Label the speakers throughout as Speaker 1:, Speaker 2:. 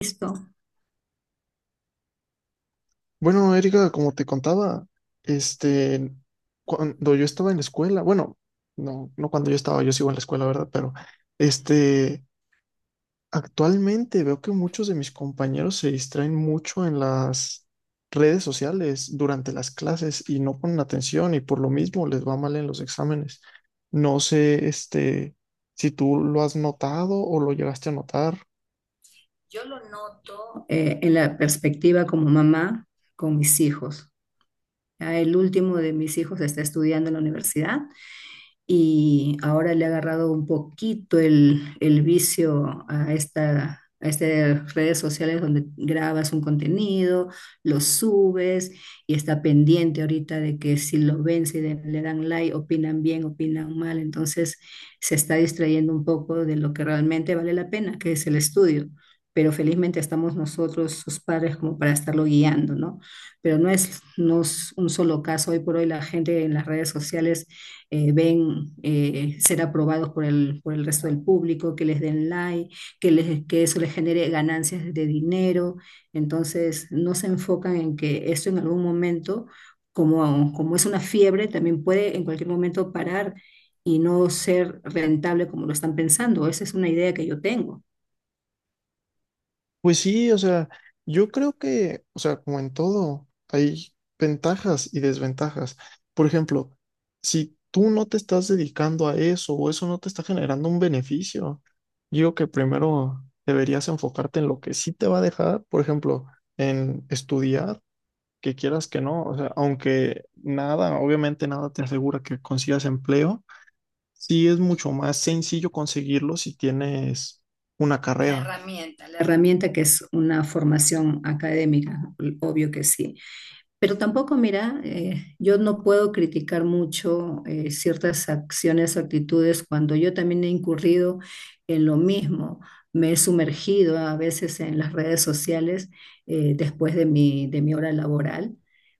Speaker 1: Visto.
Speaker 2: Bueno, Erika, como te contaba, este, cuando yo estaba en la escuela, bueno, no, cuando yo estaba, yo sigo en la escuela, ¿verdad? Pero, este, actualmente veo que muchos de mis compañeros se distraen mucho en las redes sociales durante las clases y no ponen atención y por lo mismo les va mal en los exámenes. No sé, si tú lo has notado o lo llegaste a notar.
Speaker 1: En la perspectiva como mamá con mis hijos. Ya el último de mis hijos está estudiando en la universidad y ahora le ha agarrado un poquito el vicio a esta, a estas redes sociales donde grabas un contenido, lo subes y está pendiente ahorita de que si lo ven, si le dan like, opinan bien, opinan mal, entonces se está distrayendo un poco de lo que realmente vale la pena, que es el estudio. Pero felizmente estamos nosotros, sus padres, como para estarlo guiando, ¿no? Pero no es, no es un solo caso. Hoy por hoy la gente en las redes sociales ven ser aprobados por el resto del público, que les den like, que, les, que eso les genere ganancias de dinero. Entonces, no se enfocan en que esto en algún momento, como, como es una fiebre, también puede en cualquier momento parar y no ser rentable como lo están pensando. Esa es una idea que yo tengo.
Speaker 2: Pues sí, o sea, yo creo que, o sea, como en todo, hay ventajas y desventajas. Por ejemplo, si tú no te estás dedicando a eso o eso no te está generando un beneficio, yo digo que primero deberías enfocarte en lo que sí te va a dejar, por ejemplo, en estudiar, que quieras que no, o sea, aunque nada, obviamente nada te asegura que consigas empleo, sí es mucho más sencillo conseguirlo si tienes una carrera.
Speaker 1: La herramienta que es una formación académica, obvio que sí. Pero tampoco, mira, yo no puedo criticar mucho ciertas acciones o actitudes cuando yo también he incurrido en lo mismo. Me he sumergido a veces en las redes sociales después de mi hora laboral,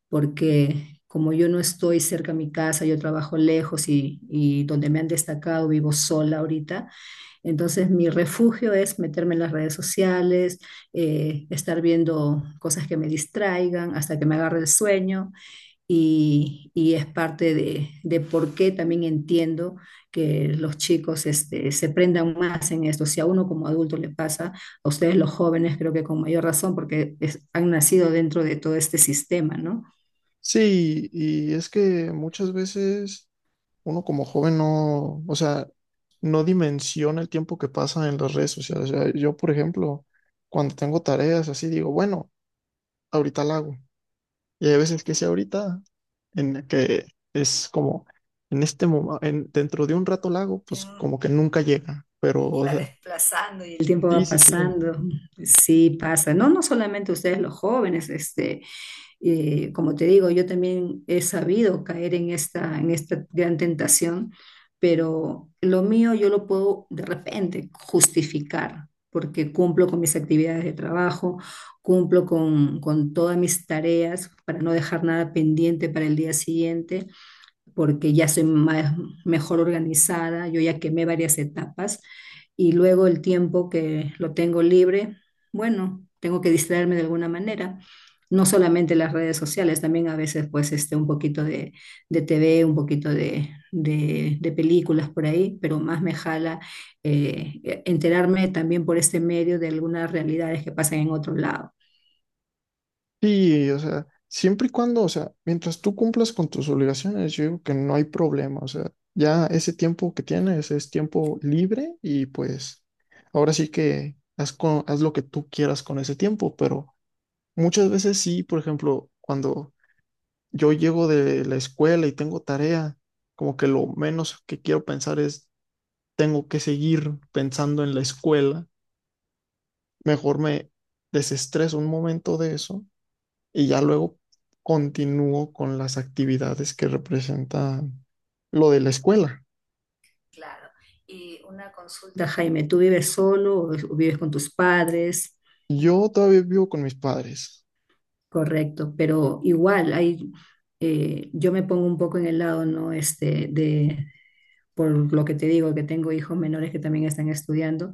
Speaker 1: porque como yo no estoy cerca a mi casa, yo trabajo lejos y donde me han destacado vivo sola ahorita, entonces mi refugio es meterme en las redes sociales, estar viendo cosas que me distraigan hasta que me agarre el sueño y es parte de por qué también entiendo que los chicos este, se prendan más en esto. Si a uno como adulto le pasa, a ustedes los jóvenes creo que con mayor razón porque han nacido dentro de todo este sistema, ¿no?
Speaker 2: Sí, y es que muchas veces uno como joven no, o sea, no dimensiona el tiempo que pasa en las redes sociales. O sea, yo, por ejemplo, cuando tengo tareas así, digo, bueno, ahorita la hago. Y hay veces que sí, ahorita, en la que es como, en este momento, dentro de un rato la hago, pues como que nunca llega. Pero, o sea,
Speaker 1: El tiempo
Speaker 2: sí,
Speaker 1: va
Speaker 2: sí, sí.
Speaker 1: pasando, sí pasa, no, no solamente ustedes los jóvenes, este, como te digo, yo también he sabido caer en esta gran tentación, pero lo mío yo lo puedo de repente justificar porque cumplo con mis actividades de trabajo, cumplo con todas mis tareas para no dejar nada pendiente para el día siguiente porque ya soy más, mejor organizada, yo ya quemé varias etapas y luego el tiempo que lo tengo libre, bueno, tengo que distraerme de alguna manera. No solamente las redes sociales, también a veces pues este, un poquito de TV, un poquito de, de películas por ahí, pero más me jala enterarme también por este medio de algunas realidades que pasan en otro lado.
Speaker 2: Sí, o sea, siempre y cuando, o sea, mientras tú cumplas con tus obligaciones, yo digo que no hay problema, o sea, ya ese tiempo que tienes es tiempo libre y pues ahora sí que haz, haz lo que tú quieras con ese tiempo, pero muchas veces sí, por ejemplo, cuando yo llego de la escuela y tengo tarea, como que lo menos que quiero pensar es, tengo que seguir pensando en la escuela, mejor me desestreso un momento de eso y ya luego continúo con las actividades que representan lo de la escuela.
Speaker 1: Y una consulta, Jaime, ¿tú vives solo o vives con tus padres?
Speaker 2: Yo todavía vivo con mis padres.
Speaker 1: Correcto, pero igual hay, yo me pongo un poco en el lado, ¿no? Este, de, por lo que te digo, que tengo hijos menores que también están estudiando,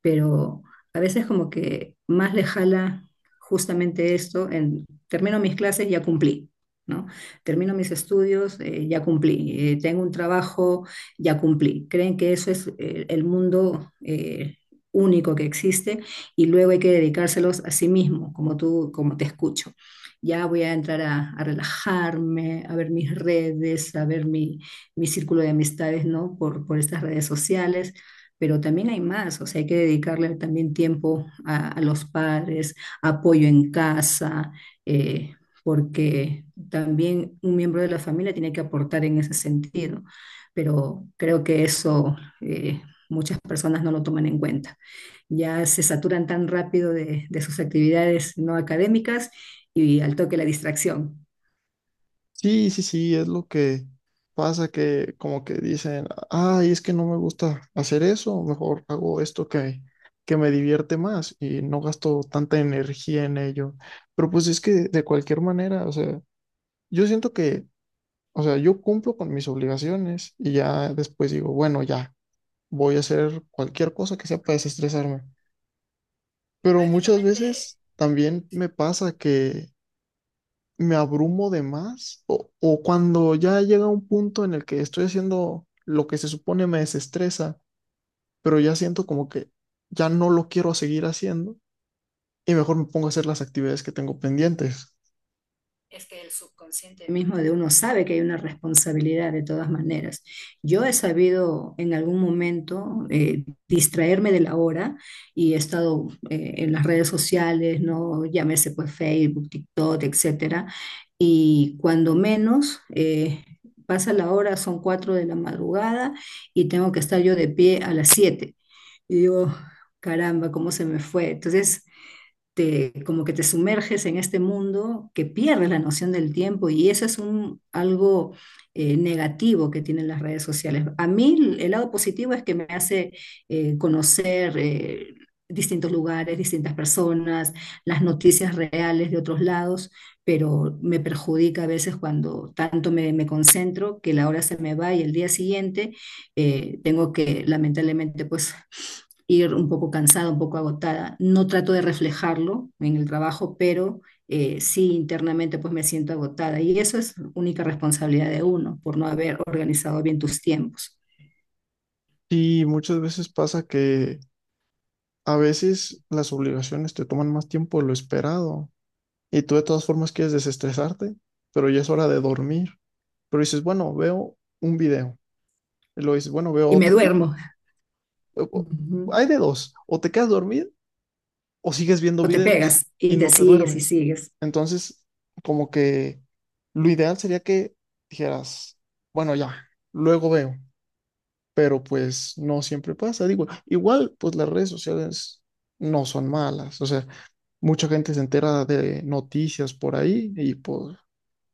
Speaker 1: pero a veces como que más le jala justamente esto, en, termino mis clases, ya cumplí, ¿no? Termino mis estudios, ya cumplí, tengo un trabajo, ya cumplí. Creen que eso es el mundo único que existe y luego hay que dedicárselos a sí mismo, como tú, como te escucho. Ya voy a entrar a relajarme, a ver mis redes, a ver mi, mi círculo de amistades, ¿no? Por estas redes sociales, pero también hay más, o sea, hay que dedicarle también tiempo a los padres, apoyo en casa, eh, porque también un miembro de la familia tiene que aportar en ese sentido, pero creo que eso eh, muchas personas no lo toman en cuenta. Ya se saturan tan rápido de sus actividades no académicas y al toque la distracción.
Speaker 2: Sí, sí, sí, es lo que pasa que como que dicen, ay, es que no me gusta hacer eso, mejor hago esto que me divierte más y no gasto tanta energía en ello. Pero pues es que de cualquier manera, o sea, yo siento que, o sea, yo cumplo con mis obligaciones y ya después digo, bueno, ya. Voy a hacer cualquier cosa que sea para desestresarme. Pero muchas veces también me pasa que me abrumo de más o cuando ya llega un punto en el que estoy haciendo lo que se supone me desestresa, pero ya siento como que ya no lo quiero seguir haciendo y mejor me pongo a hacer las actividades que tengo pendientes.
Speaker 1: Mismo de uno sabe que hay una responsabilidad de todas maneras. Yo he sabido en algún momento distraerme de la hora y he estado en las redes sociales, ¿no? Llámese pues Facebook, TikTok, etcétera. Y cuando menos pasa la hora, son cuatro de la madrugada y tengo que estar yo de pie a las siete. Y digo, "Oh, caramba, cómo se me fue." Entonces, te, como que te sumerges en este mundo que pierdes la noción del tiempo y eso es un, algo negativo que tienen las redes sociales. A mí el lado positivo es que me hace conocer distintos lugares, distintas personas, las noticias reales de otros lados, pero me perjudica a veces cuando tanto me, me concentro que la hora se me va y el día siguiente tengo que lamentablemente pues ir un poco cansada, un poco agotada. No trato de reflejarlo en el trabajo, pero sí internamente pues me siento agotada y eso es única responsabilidad de uno por no haber organizado bien tus tiempos.
Speaker 2: Y muchas veces pasa que a veces las obligaciones te toman más tiempo de lo esperado. Y tú de todas formas quieres desestresarte, pero ya es hora de dormir. Pero dices, bueno, veo un video. Y luego dices, bueno, veo
Speaker 1: Y me
Speaker 2: otro video.
Speaker 1: duermo.
Speaker 2: O- o-
Speaker 1: Ujú.
Speaker 2: Hay de dos, o te quedas dormido o sigues viendo
Speaker 1: O te
Speaker 2: videos
Speaker 1: pegas y
Speaker 2: y
Speaker 1: te
Speaker 2: no te
Speaker 1: sigues y
Speaker 2: duermes.
Speaker 1: sigues.
Speaker 2: Entonces, como que lo ideal sería que dijeras, bueno, ya, luego veo, pero pues no siempre pasa. Digo, igual, pues las redes sociales no son malas, o sea, mucha gente se entera de noticias por ahí y pues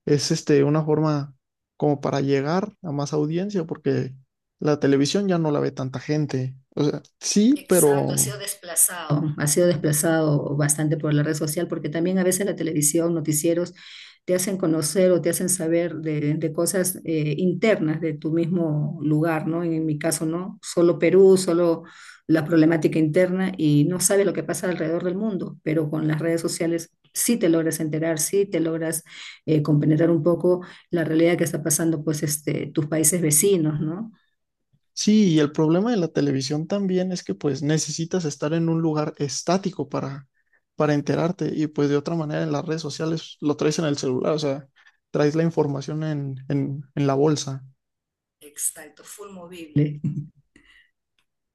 Speaker 2: es una forma como para llegar a más audiencia, porque la televisión ya no la ve tanta gente. O sea, sí,
Speaker 1: Exacto, ha
Speaker 2: pero
Speaker 1: sido desplazado. Ha sido desplazado bastante por la red social porque también a veces la televisión, noticieros te hacen conocer o te hacen saber de cosas internas de tu mismo lugar, ¿no? En, mi caso, ¿no? Solo Perú, solo la problemática interna y no sabe lo que pasa alrededor del mundo, pero con las redes sociales sí te logras enterar, sí te logras compenetrar un poco la realidad que está pasando, pues, este, tus países vecinos, ¿no?
Speaker 2: sí, y el problema de la televisión también es que pues necesitas estar en un lugar estático para enterarte y pues de otra manera en las redes sociales lo traes en el celular, o sea, traes la información en la bolsa.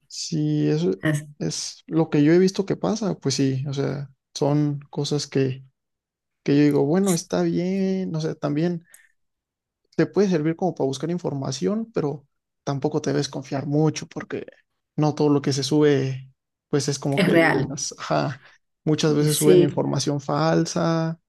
Speaker 2: Sí, eso
Speaker 1: Es,
Speaker 2: es lo que yo he visto que pasa, pues sí, o sea, son cosas que yo digo, bueno, está bien, no sé, también te puede servir como para buscar información, pero tampoco te debes confiar mucho porque no todo lo que se sube, pues es como
Speaker 1: es
Speaker 2: que
Speaker 1: real.
Speaker 2: digas, ajá, muchas veces suben
Speaker 1: Sí,
Speaker 2: información falsa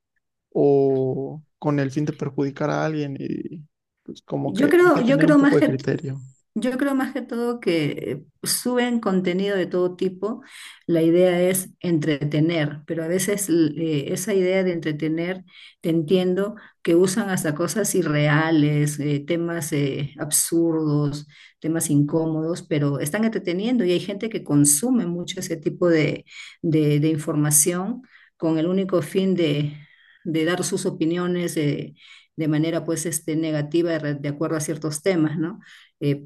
Speaker 2: o con el fin de perjudicar a alguien y pues como
Speaker 1: Yo
Speaker 2: que hay
Speaker 1: creo,
Speaker 2: que
Speaker 1: yo
Speaker 2: tener un
Speaker 1: creo
Speaker 2: poco
Speaker 1: más
Speaker 2: de
Speaker 1: que,
Speaker 2: criterio.
Speaker 1: yo creo más que todo que suben contenido de todo tipo. La idea es entretener, pero a veces esa idea de entretener, te entiendo que usan hasta cosas irreales, temas absurdos, temas incómodos, pero están entreteniendo y hay gente que consume mucho ese tipo de, de información con el único fin de dar sus opiniones de manera pues este, negativa de, acuerdo a ciertos temas, ¿no? Eh,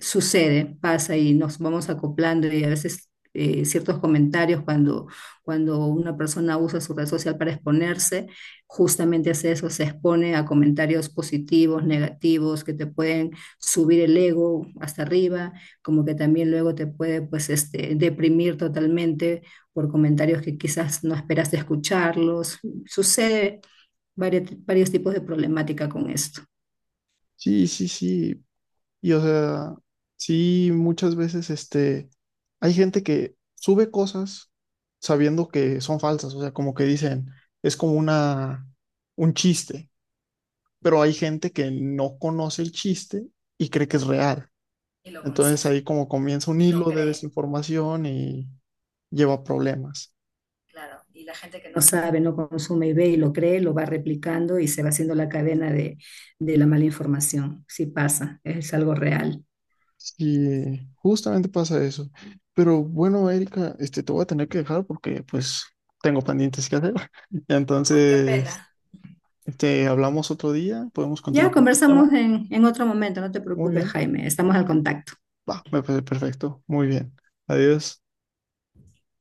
Speaker 1: sucede, pasa y nos vamos acoplando y a veces ciertos comentarios cuando, cuando una persona usa su red social para exponerse, justamente hace eso, se expone a comentarios positivos, negativos, que te pueden subir el ego hasta arriba, como que también luego te puede pues, este, deprimir totalmente por comentarios que quizás no esperaste escucharlos. Sucede varios, varios tipos de problemática con esto.
Speaker 2: Sí, sí, sí. Y o sea, sí, muchas veces hay gente que sube cosas sabiendo que son falsas, o sea, como que dicen, es como una, un chiste pero hay gente que no conoce el chiste y cree que es real. Entonces ahí como comienza un hilo de desinformación y lleva a problemas.
Speaker 1: No sabe, no consume y ve y lo cree, lo va replicando y se va haciendo la cadena de la mala información. Sí pasa, es algo real.
Speaker 2: Y justamente pasa eso. Pero bueno, Erika, te voy a tener que dejar porque pues tengo pendientes que hacer. Entonces, hablamos otro día, podemos
Speaker 1: Ya
Speaker 2: continuar con este tema.
Speaker 1: conversamos en otro momento, no te
Speaker 2: Muy
Speaker 1: preocupes,
Speaker 2: bien,
Speaker 1: Jaime, estamos al contacto.
Speaker 2: va, me parece perfecto. Muy bien. Adiós.